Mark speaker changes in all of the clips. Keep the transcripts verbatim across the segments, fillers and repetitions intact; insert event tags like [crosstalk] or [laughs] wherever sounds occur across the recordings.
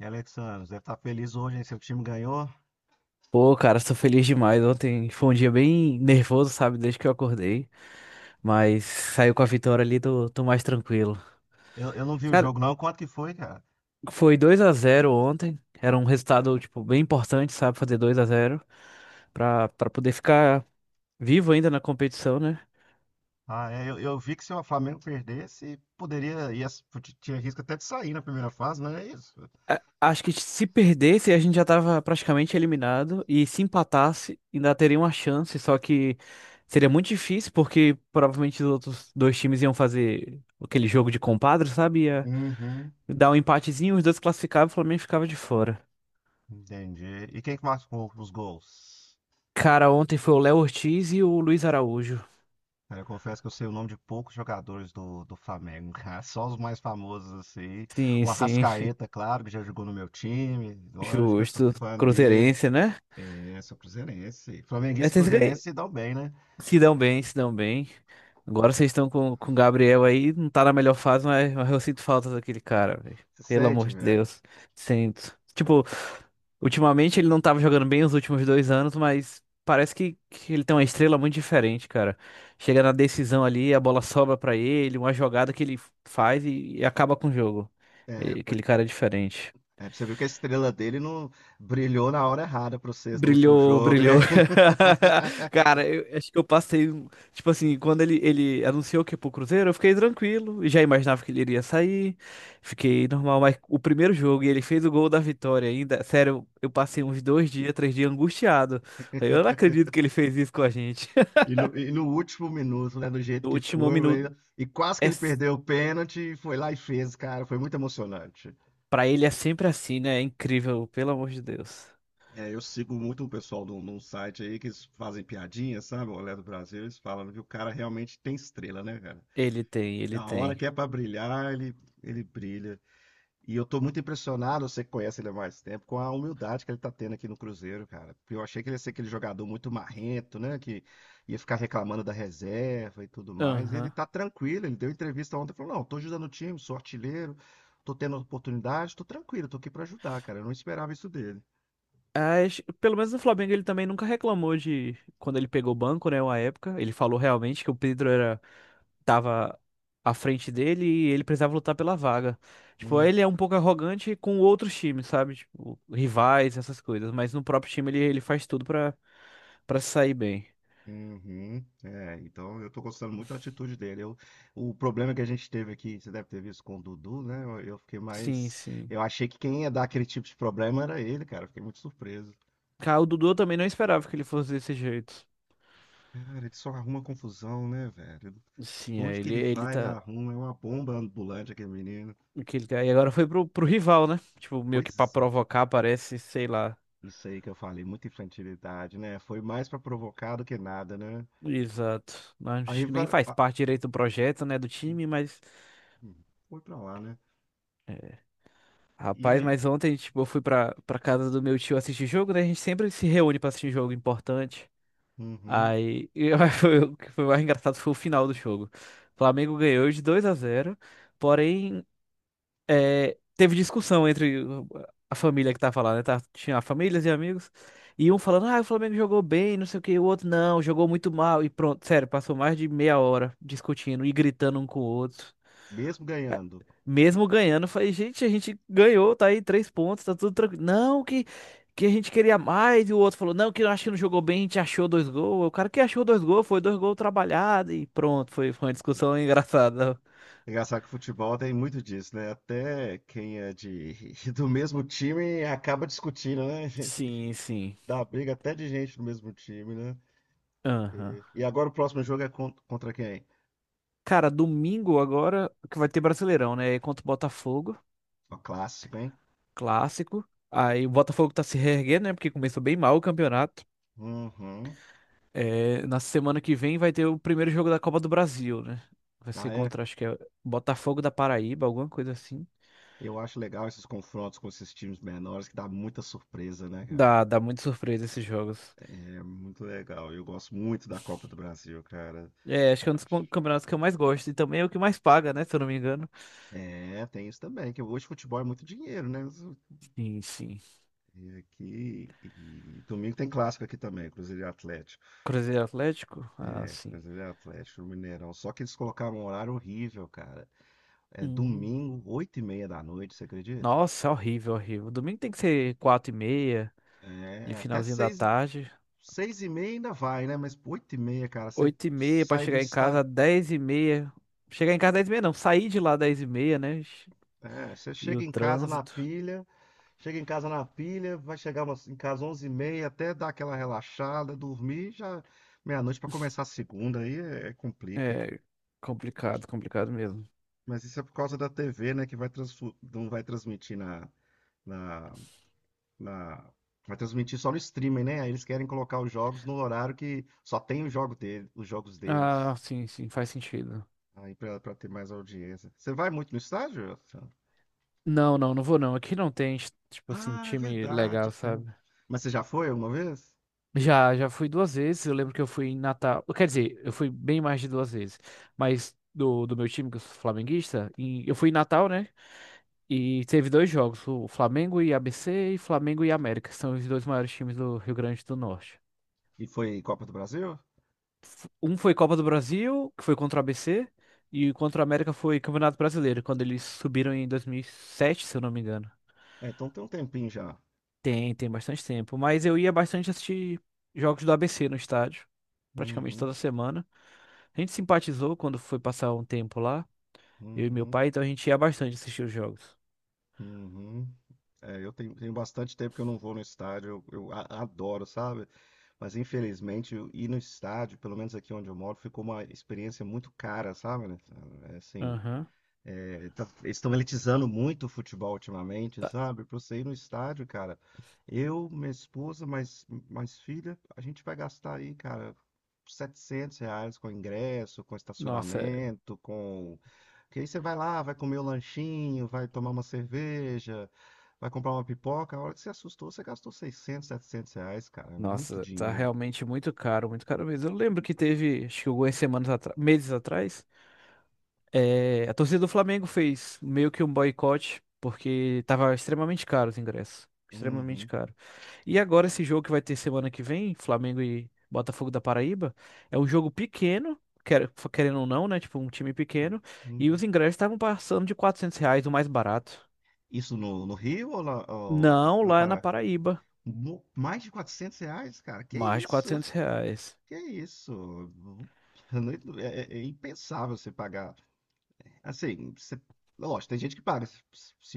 Speaker 1: E Alexandre, deve estar feliz hoje, hein? Seu time ganhou.
Speaker 2: Pô, cara, sou feliz demais. Ontem foi um dia bem nervoso, sabe? Desde que eu acordei. Mas saiu com a vitória ali, tô, tô mais tranquilo.
Speaker 1: Eu, eu não vi o
Speaker 2: Cara,
Speaker 1: jogo, não. Quanto que foi, cara?
Speaker 2: foi dois a zero ontem. Era um resultado, tipo, bem importante, sabe? Fazer dois a zero pra, pra poder ficar vivo ainda na competição, né?
Speaker 1: Ah, é, eu, eu vi que se o Flamengo perdesse, poderia. Ia, tinha risco até de sair na primeira fase, não é isso?
Speaker 2: A- Acho que se perdesse, a gente já tava praticamente eliminado. E se empatasse, ainda teria uma chance. Só que seria muito difícil, porque provavelmente os outros dois times iam fazer aquele jogo de compadre, sabe?
Speaker 1: Uhum.
Speaker 2: Dá um empatezinho, os dois classificavam, o Flamengo ficava de fora.
Speaker 1: Entendi. E quem que marcou os gols?
Speaker 2: Cara, ontem foi o Léo Ortiz e o Luiz Araújo.
Speaker 1: Cara, eu confesso que eu sei o nome de poucos jogadores do, do Flamengo, [laughs] cara. Só os mais famosos, assim.
Speaker 2: Sim,
Speaker 1: O
Speaker 2: sim,
Speaker 1: Arrascaeta, claro, que já jogou no meu time. Lógico, que eu sou
Speaker 2: justo.
Speaker 1: fã dele.
Speaker 2: Cruzeirense, né?
Speaker 1: É, sou cruzeirense. Flamenguista e
Speaker 2: Esses ganham.
Speaker 1: cruzeirense se dão bem, né?
Speaker 2: Se dão bem, se dão bem. Agora vocês estão com, com o Gabriel aí, não tá na melhor fase, mas, mas eu sinto falta daquele cara, velho.
Speaker 1: Se
Speaker 2: Pelo amor
Speaker 1: sente,
Speaker 2: de
Speaker 1: velho.
Speaker 2: Deus. Sinto. Tipo, ultimamente ele não tava jogando bem os últimos dois anos, mas parece que, que ele tem uma estrela muito diferente, cara. Chega na decisão ali, a bola sobra pra ele, uma jogada que ele faz e, e acaba com o jogo.
Speaker 1: É,
Speaker 2: E
Speaker 1: mas-
Speaker 2: aquele cara é diferente.
Speaker 1: é, você viu que a estrela dele não brilhou na hora errada para vocês no último
Speaker 2: Brilhou,
Speaker 1: jogo, né?
Speaker 2: brilhou. [laughs] Cara,
Speaker 1: [laughs]
Speaker 2: eu acho que eu passei. um- Tipo assim, quando ele, ele anunciou que ia pro Cruzeiro, eu fiquei tranquilo, e já imaginava que ele iria sair. Fiquei normal, mas o primeiro jogo e ele fez o gol da vitória ainda. Sério, eu passei uns dois dias, três dias angustiado. Falei, eu não acredito que ele fez isso com a gente. [laughs]
Speaker 1: E no, e no último minuto, né? Do jeito
Speaker 2: No
Speaker 1: que
Speaker 2: último
Speaker 1: foi,
Speaker 2: minuto.
Speaker 1: né, e quase
Speaker 2: É,
Speaker 1: que ele
Speaker 2: s-
Speaker 1: perdeu o pênalti, e foi lá e fez, cara. Foi muito emocionante.
Speaker 2: pra ele é sempre assim, né? É incrível, pelo amor de Deus.
Speaker 1: É, eu sigo muito um pessoal num, num site aí que eles fazem piadinha, sabe? O Olé do Brasil, eles falam que o cara realmente tem estrela, né, cara?
Speaker 2: Ele tem,
Speaker 1: E
Speaker 2: ele
Speaker 1: a hora
Speaker 2: tem.
Speaker 1: que é pra brilhar, ele, ele brilha. E eu tô muito impressionado, você que conhece ele há mais tempo, com a humildade que ele tá tendo aqui no Cruzeiro, cara. Porque eu achei que ele ia ser aquele jogador muito marrento, né? Que ia ficar reclamando da reserva e tudo mais. E ele
Speaker 2: Aham.
Speaker 1: tá tranquilo, ele deu entrevista ontem, falou, não, tô ajudando o time, sou artilheiro, tô tendo oportunidade, tô tranquilo, tô aqui pra ajudar, cara. Eu não esperava isso dele.
Speaker 2: As- pelo menos no Flamengo ele também nunca reclamou de quando ele pegou o banco, né, uma época. Ele falou realmente que o Pedro era tava à frente dele e ele precisava lutar pela vaga. Tipo,
Speaker 1: Hum.
Speaker 2: ele é um pouco arrogante com outros times, sabe? Tipo, rivais, essas coisas, mas no próprio time ele, ele faz tudo pra para sair bem.
Speaker 1: Uhum. É, então eu tô gostando muito da atitude dele. Eu, o problema que a gente teve aqui, você deve ter visto com o Dudu, né? Eu, eu fiquei
Speaker 2: Sim,
Speaker 1: mais.
Speaker 2: sim.
Speaker 1: Eu achei que quem ia dar aquele tipo de problema era ele, cara. Eu Fiquei muito surpreso.
Speaker 2: Cara, o Dudu eu também não esperava que ele fosse desse jeito.
Speaker 1: Cara, ele só arruma confusão, né, velho?
Speaker 2: Sim, é,
Speaker 1: Onde que
Speaker 2: ele
Speaker 1: ele
Speaker 2: ele
Speaker 1: vai, ele
Speaker 2: tá
Speaker 1: arruma. É uma bomba ambulante aquele menino.
Speaker 2: que ele tá- e agora foi pro, pro rival, né? Tipo, meio que pra
Speaker 1: Pois é.
Speaker 2: provocar, parece, sei lá.
Speaker 1: Isso aí que eu falei, muita infantilidade, né? Foi mais pra provocar do que nada, né?
Speaker 2: Exato. Acho
Speaker 1: Aí
Speaker 2: que nem
Speaker 1: vai.
Speaker 2: faz
Speaker 1: ah,
Speaker 2: parte direito do projeto, né, do time, mas.
Speaker 1: foi pra lá, né?
Speaker 2: é,
Speaker 1: E
Speaker 2: Rapaz,
Speaker 1: aí?
Speaker 2: mas ontem, tipo, eu fui pra, pra casa do meu tio assistir jogo, né? A gente sempre se reúne pra assistir jogo importante.
Speaker 1: Uhum.
Speaker 2: Aí, [laughs] eu, foi o que foi mais engraçado foi o final do jogo. O Flamengo ganhou de dois a zero porém, é, teve discussão entre o- a família que tava lá, né? Tá, tinha famílias e amigos. E um falando, ah, o Flamengo jogou bem, não sei o que, o outro não, jogou muito mal. E pronto, sério, passou mais de meia hora discutindo e gritando um com o outro.
Speaker 1: Mesmo ganhando.
Speaker 2: Mesmo ganhando, eu falei, gente, a gente ganhou, tá aí três pontos, tá tudo tranquilo. Não, que, que a gente queria mais. E o outro falou, não, que eu acho que não jogou bem, a gente achou dois gols. O cara que achou dois gols, foi dois gols trabalhados e pronto, foi, foi uma discussão [laughs] engraçada.
Speaker 1: É Engraçado que o futebol tem muito disso, né? Até quem é de [laughs] do mesmo time acaba discutindo, né? [laughs]
Speaker 2: Sim, sim.
Speaker 1: Dá briga até de gente do mesmo time, né?
Speaker 2: Aham.
Speaker 1: E, e agora o próximo jogo é con- contra quem?
Speaker 2: Cara, domingo agora que vai ter Brasileirão, né? Aí contra o Botafogo,
Speaker 1: O clássico, hein?
Speaker 2: clássico. Aí o Botafogo tá se reerguendo, né? Porque começou bem mal o campeonato.
Speaker 1: Uhum.
Speaker 2: É, na semana que vem vai ter o primeiro jogo da Copa do Brasil, né? Vai ser
Speaker 1: Ah, é.
Speaker 2: contra, acho que é Botafogo da Paraíba, alguma coisa assim.
Speaker 1: Eu acho legal esses confrontos com esses times menores, que dá muita surpresa, né,
Speaker 2: Dá,
Speaker 1: cara?
Speaker 2: dá muita surpresa esses jogos.
Speaker 1: É muito legal. Eu gosto muito da Copa do Brasil, cara.
Speaker 2: É, acho que é um dos com-
Speaker 1: Acho-
Speaker 2: campeonatos que eu mais gosto e também é o que mais paga, né? Se eu não me engano.
Speaker 1: É, tem isso também, que hoje futebol é muito dinheiro, né?
Speaker 2: Sim, sim.
Speaker 1: E aqui, e domingo tem clássico aqui também, Cruzeiro e Atlético.
Speaker 2: Cruzeiro e Atlético? Ah,
Speaker 1: É,
Speaker 2: sim.
Speaker 1: Cruzeiro e Atlético, no Mineirão. Só que eles colocaram um horário horrível, cara. É
Speaker 2: Hum.
Speaker 1: domingo, oito e meia da noite, você acredita?
Speaker 2: Nossa, horrível, horrível. Domingo tem que ser quatro e meia, no
Speaker 1: É, até
Speaker 2: finalzinho da
Speaker 1: seis,
Speaker 2: tarde.
Speaker 1: seis e meia ainda vai, né? Mas oito e meia, cara, você
Speaker 2: Oito e meia pra
Speaker 1: sai do
Speaker 2: chegar em casa,
Speaker 1: estádio.
Speaker 2: dez e meia. Chegar em casa dez e meia não, sair de lá dez e meia, né?
Speaker 1: É, você
Speaker 2: E
Speaker 1: chega
Speaker 2: o
Speaker 1: em casa na
Speaker 2: trânsito.
Speaker 1: pilha, chega em casa na pilha, vai chegar umas- em casa onze e meia, até dar aquela relaxada, dormir, já meia-noite pra começar a segunda, aí é, é complica.
Speaker 2: É complicado, complicado mesmo.
Speaker 1: Mas isso é por causa da T V, né? Que vai transfu- não vai transmitir na, na, na- Vai transmitir só no streaming, né? Aí eles querem colocar os jogos no horário que só tem o jogo dele, os jogos
Speaker 2: Ah,
Speaker 1: deles.
Speaker 2: sim, sim, faz sentido.
Speaker 1: Aí pra, pra ter mais audiência. Você vai muito no estádio, Rafa?
Speaker 2: Não, não, não vou não. Aqui não tem, tipo assim,
Speaker 1: Ah, é
Speaker 2: time
Speaker 1: verdade,
Speaker 2: legal,
Speaker 1: cara.
Speaker 2: sabe?
Speaker 1: Mas você já foi alguma vez?
Speaker 2: Já, já fui duas vezes. Eu lembro que eu fui em Natal. Quer dizer, eu fui bem mais de duas vezes. Mas do, do meu time, que eu sou flamenguista, em- eu fui em Natal, né? E teve dois jogos, o Flamengo e A B C e Flamengo e América, que são os dois maiores times do Rio Grande do Norte.
Speaker 1: E foi Copa do Brasil?
Speaker 2: f- Um foi Copa do Brasil, que foi contra o A B C, e contra o América foi Campeonato Brasileiro, quando eles subiram em dois mil e sete, se eu não me engano.
Speaker 1: É, então tem um tempinho já.
Speaker 2: Tem, tem bastante tempo. Mas eu ia bastante assistir jogos do A B C no estádio, praticamente
Speaker 1: Uhum,
Speaker 2: toda semana. A gente simpatizou quando foi passar um tempo lá, eu e meu
Speaker 1: uhum,
Speaker 2: pai, então a gente ia bastante assistir os jogos.
Speaker 1: uhum. É, eu tenho, tenho bastante tempo que eu não vou no estádio. Eu, eu a- adoro, sabe? Mas infelizmente eu ir no estádio, pelo menos aqui onde eu moro, ficou uma experiência muito cara, sabe, né? É é assim,
Speaker 2: Aham.
Speaker 1: é, tá- eles estão elitizando muito o futebol ultimamente,
Speaker 2: Tá-
Speaker 1: sabe? Pra você ir no estádio, cara, eu, minha esposa, mais, mais filha, a gente vai gastar aí, cara, setecentos reais com ingresso, com
Speaker 2: Nossa, é-
Speaker 1: estacionamento, com. Porque aí você vai lá, vai comer o lanchinho, vai tomar uma cerveja, vai comprar uma pipoca. A hora que você assustou, você gastou seiscentos, setecentos reais, cara. É muito
Speaker 2: nossa, tá
Speaker 1: dinheiro.
Speaker 2: realmente muito caro, muito caro mesmo. Eu lembro que teve, acho que algumas semanas atrás, meses atrás, é, a torcida do Flamengo fez meio que um boicote, porque tava extremamente caro os ingressos. Extremamente
Speaker 1: Uhum,
Speaker 2: caro. E agora esse jogo que vai ter semana que vem, Flamengo e Botafogo da Paraíba, é um jogo pequeno, quer- querendo ou não, né? Tipo, um time pequeno. E
Speaker 1: uhum.
Speaker 2: os ingressos estavam passando de quatrocentos reais, o mais barato.
Speaker 1: Isso no, no Rio ou na, ou
Speaker 2: Não,
Speaker 1: na
Speaker 2: lá na
Speaker 1: Pará?
Speaker 2: Paraíba,
Speaker 1: Mo- Mais de quatrocentos reais, cara? Que
Speaker 2: mais de
Speaker 1: isso?
Speaker 2: quatrocentos reais.
Speaker 1: Que isso? Uhum. Eu não- É, é- é impensável você pagar. Assim, você, lógico, tem gente que paga se,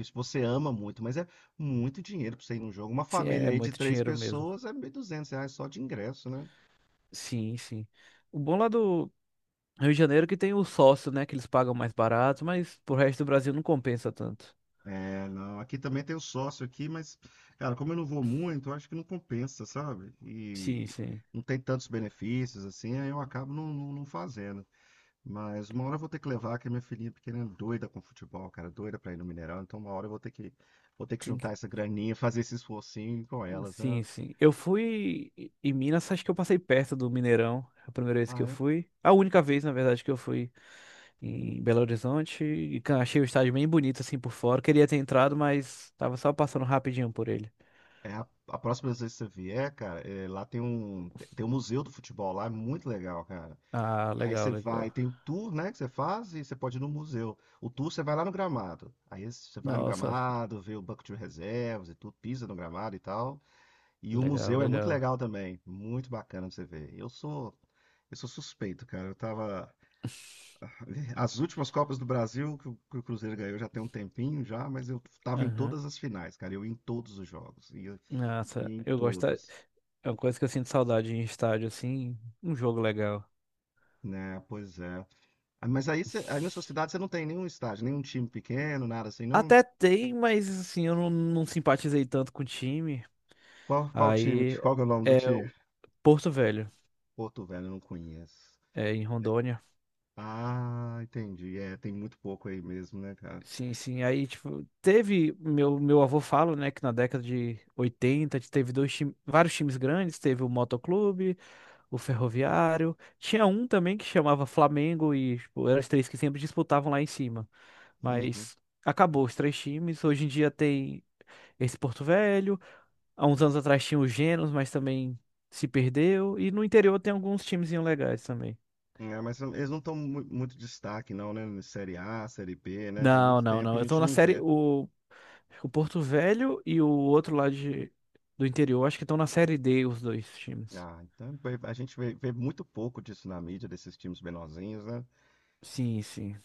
Speaker 1: se você ama muito, mas é muito dinheiro pra você ir num jogo. Uma
Speaker 2: Sim, é,
Speaker 1: família
Speaker 2: é
Speaker 1: aí de
Speaker 2: muito
Speaker 1: três
Speaker 2: dinheiro mesmo.
Speaker 1: pessoas é mil e duzentos reais só de ingresso, né?
Speaker 2: Sim, sim. O bom lá do Rio de Janeiro que tem o sócio, né? Que eles pagam mais barato, mas pro resto do Brasil não compensa tanto.
Speaker 1: É, não, aqui também tem o sócio aqui, mas, cara, como eu não vou muito, eu acho que não compensa, sabe?
Speaker 2: Sim,
Speaker 1: E
Speaker 2: sim.
Speaker 1: não tem tantos benefícios, assim, aí eu acabo não, não, não fazendo. Mas uma hora eu vou ter que levar, que minha filhinha pequena é doida com futebol, cara, doida pra ir no Mineirão, então uma hora eu vou ter que, vou ter que
Speaker 2: Tem
Speaker 1: juntar
Speaker 2: que-
Speaker 1: essa graninha, [laughs] fazer esse esforcinho com elas,
Speaker 2: Sim,
Speaker 1: né?
Speaker 2: sim. Eu fui em em Minas, acho que eu passei perto do Mineirão. A primeira vez que eu
Speaker 1: Ah, é?
Speaker 2: fui. A única vez, na verdade, que eu fui em Belo Horizonte. E ca- achei o estádio bem bonito, assim, por fora. Queria ter entrado, mas tava só passando rapidinho por ele.
Speaker 1: É, a, a próxima vez que você vier, cara, é, lá tem um, tem tem um museu do futebol lá, é muito legal, cara.
Speaker 2: Ah,
Speaker 1: Aí
Speaker 2: legal,
Speaker 1: você vai,
Speaker 2: legal.
Speaker 1: tem o tour, né, que você faz e você pode ir no museu. O tour você vai lá no gramado. Aí você vai no
Speaker 2: Nossa,
Speaker 1: gramado, vê o banco de reservas e tudo, pisa no gramado e tal. E o
Speaker 2: legal,
Speaker 1: museu é muito
Speaker 2: legal.
Speaker 1: legal também, muito bacana pra você ver. Eu sou, eu sou suspeito, cara. Eu tava [laughs] as últimas Copas do Brasil que o, que o Cruzeiro ganhou já tem um tempinho já, mas eu tava em
Speaker 2: Aham.
Speaker 1: todas as finais, cara. Eu ia em todos os jogos, ia,
Speaker 2: Nossa,
Speaker 1: ia em
Speaker 2: eu gosto. da-
Speaker 1: todos.
Speaker 2: É uma coisa que eu sinto saudade em estádio, assim. Um jogo legal.
Speaker 1: Né, pois é. Ah, mas aí, você- aí na sua cidade você não tem nenhum estádio, nenhum time pequeno, nada assim, não?
Speaker 2: Até tem, mas assim, eu não, não simpatizei tanto com o time.
Speaker 1: Qual, qual time?
Speaker 2: Aí
Speaker 1: Qual que é o nome do
Speaker 2: é
Speaker 1: time?
Speaker 2: o Porto Velho,
Speaker 1: Porto Velho, eu não conheço.
Speaker 2: é em Rondônia.
Speaker 1: Ah, entendi. É, tem muito pouco aí mesmo, né, cara?
Speaker 2: Sim, sim. Aí, tipo, teve. Meu, meu avô fala, né, que na década de oitenta teve dois time, vários times grandes. Teve o Motoclube, o Ferroviário. Tinha um também que chamava Flamengo e, tipo, eram os três que sempre disputavam lá em cima.
Speaker 1: Uhum.
Speaker 2: Mas acabou os três times. Hoje em dia tem esse Porto Velho. Há uns anos atrás tinha o Genos, mas também se perdeu. E no interior tem alguns timezinhos legais também.
Speaker 1: É, mas eles não estão muito destaque, não, né? Série A, Série B, né? Tem
Speaker 2: Não,
Speaker 1: muito
Speaker 2: não,
Speaker 1: tempo que
Speaker 2: não.
Speaker 1: a
Speaker 2: Eu tô
Speaker 1: gente
Speaker 2: na
Speaker 1: não
Speaker 2: série.
Speaker 1: vê.
Speaker 2: O, o Porto Velho e o outro lá de, do interior, acho que estão na série D, os dois times.
Speaker 1: Ah, então vê- a gente vê, vê muito pouco disso na mídia, desses times menorzinhos, né?
Speaker 2: Sim, sim.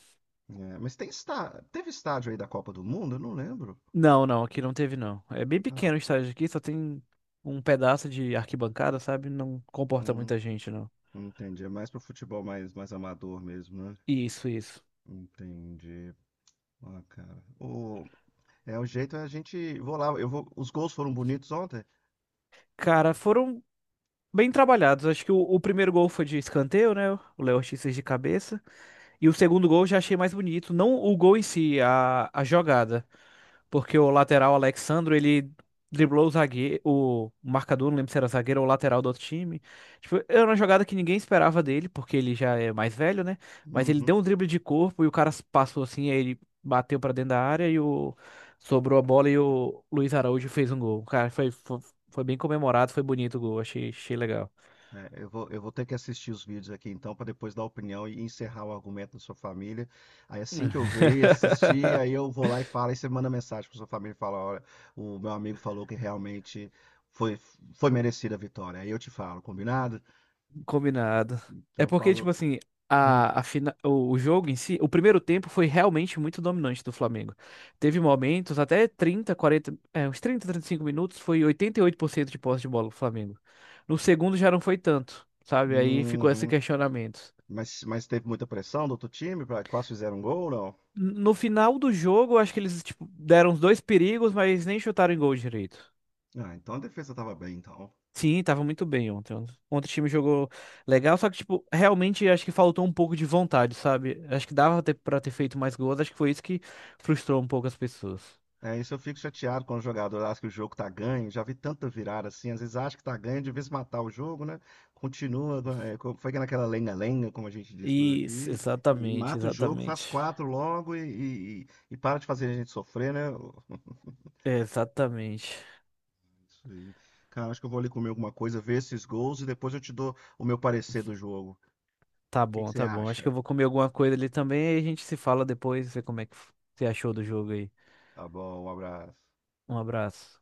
Speaker 1: É, mas tem está, teve estádio aí da Copa do Mundo? Eu não lembro.
Speaker 2: Não, não, aqui não teve, não. É bem
Speaker 1: Ah,
Speaker 2: pequeno o estádio aqui, só tem um pedaço de arquibancada, sabe? Não comporta
Speaker 1: hum,
Speaker 2: muita gente, não.
Speaker 1: entendi. É mais pro futebol mais, mais, amador mesmo, né?
Speaker 2: Isso, isso.
Speaker 1: Entendi. Ah, cara. É, o jeito é a gente. Vou lá, eu vou. Os gols foram bonitos ontem?
Speaker 2: Cara, foram bem trabalhados. Acho que o, o primeiro gol foi de escanteio, né? O Léo Ortiz fez de cabeça. E o segundo gol eu já achei mais bonito. Não o gol em si, a, a jogada. Porque o lateral Alexandro, ele driblou o zagueiro, o marcador, não lembro se era zagueiro ou lateral do outro time. Tipo, era uma jogada que ninguém esperava dele, porque ele já é mais velho, né? Mas ele
Speaker 1: Uhum.
Speaker 2: deu um drible de corpo e o cara passou assim, aí ele bateu pra dentro da área e o sobrou a bola e o Luiz Araújo fez um gol. Cara, foi, foi, foi bem comemorado, foi bonito o gol, achei, achei legal.
Speaker 1: É, eu vou, eu vou ter que assistir os vídeos aqui então, para depois dar opinião e encerrar o argumento da sua família. Aí assim que eu ver e assistir, aí
Speaker 2: [laughs]
Speaker 1: eu vou lá e falo, aí você manda mensagem para sua família e fala: olha, o meu amigo falou que realmente foi, foi merecida a vitória. Aí eu te falo, combinado?
Speaker 2: Combinado.
Speaker 1: Então
Speaker 2: É
Speaker 1: eu
Speaker 2: porque, tipo
Speaker 1: falo.
Speaker 2: assim,
Speaker 1: Hum,
Speaker 2: a, a fina- o, o jogo em si, o primeiro tempo foi realmente muito dominante do Flamengo. Teve momentos, até trinta, quarenta, é, uns trinta, trinta e cinco minutos, foi oitenta e oito por cento de posse de bola do Flamengo. No segundo já não foi tanto, sabe? Aí ficou esse
Speaker 1: uhum.
Speaker 2: questionamento.
Speaker 1: Mas, mas teve muita pressão do outro time? pra- Quase fizeram gol, não?
Speaker 2: No final do jogo, eu acho que eles, tipo, deram os dois perigos, mas nem chutaram em gol direito.
Speaker 1: Ah, então a defesa estava bem, então.
Speaker 2: Sim, tava muito bem ontem. Ontem o time jogou legal, só que, tipo, realmente acho que faltou um pouco de vontade, sabe? Acho que dava ter, pra ter feito mais gols, acho que foi isso que frustrou um pouco as pessoas.
Speaker 1: É, isso eu fico chateado quando o jogador acha que o jogo tá ganho. Já vi tanta virada assim, às vezes acha que tá ganho, de vez matar o jogo, né? Continua, é, co- foi naquela lenga-lenga, como a gente diz por
Speaker 2: Isso,
Speaker 1: aqui, e
Speaker 2: exatamente,
Speaker 1: mata o jogo,
Speaker 2: exatamente.
Speaker 1: faz quatro logo e, e- e para de fazer a gente sofrer, né?
Speaker 2: Exatamente.
Speaker 1: Isso aí. Cara, acho que eu vou ali comer alguma coisa, ver esses gols e depois eu te dou o meu parecer do jogo. O
Speaker 2: Tá
Speaker 1: que que
Speaker 2: bom,
Speaker 1: você
Speaker 2: tá bom. Acho que
Speaker 1: acha?
Speaker 2: eu vou comer alguma coisa ali também e a gente se fala depois, ver como é que você achou do jogo aí.
Speaker 1: Tá bom, um abraço.
Speaker 2: Um abraço.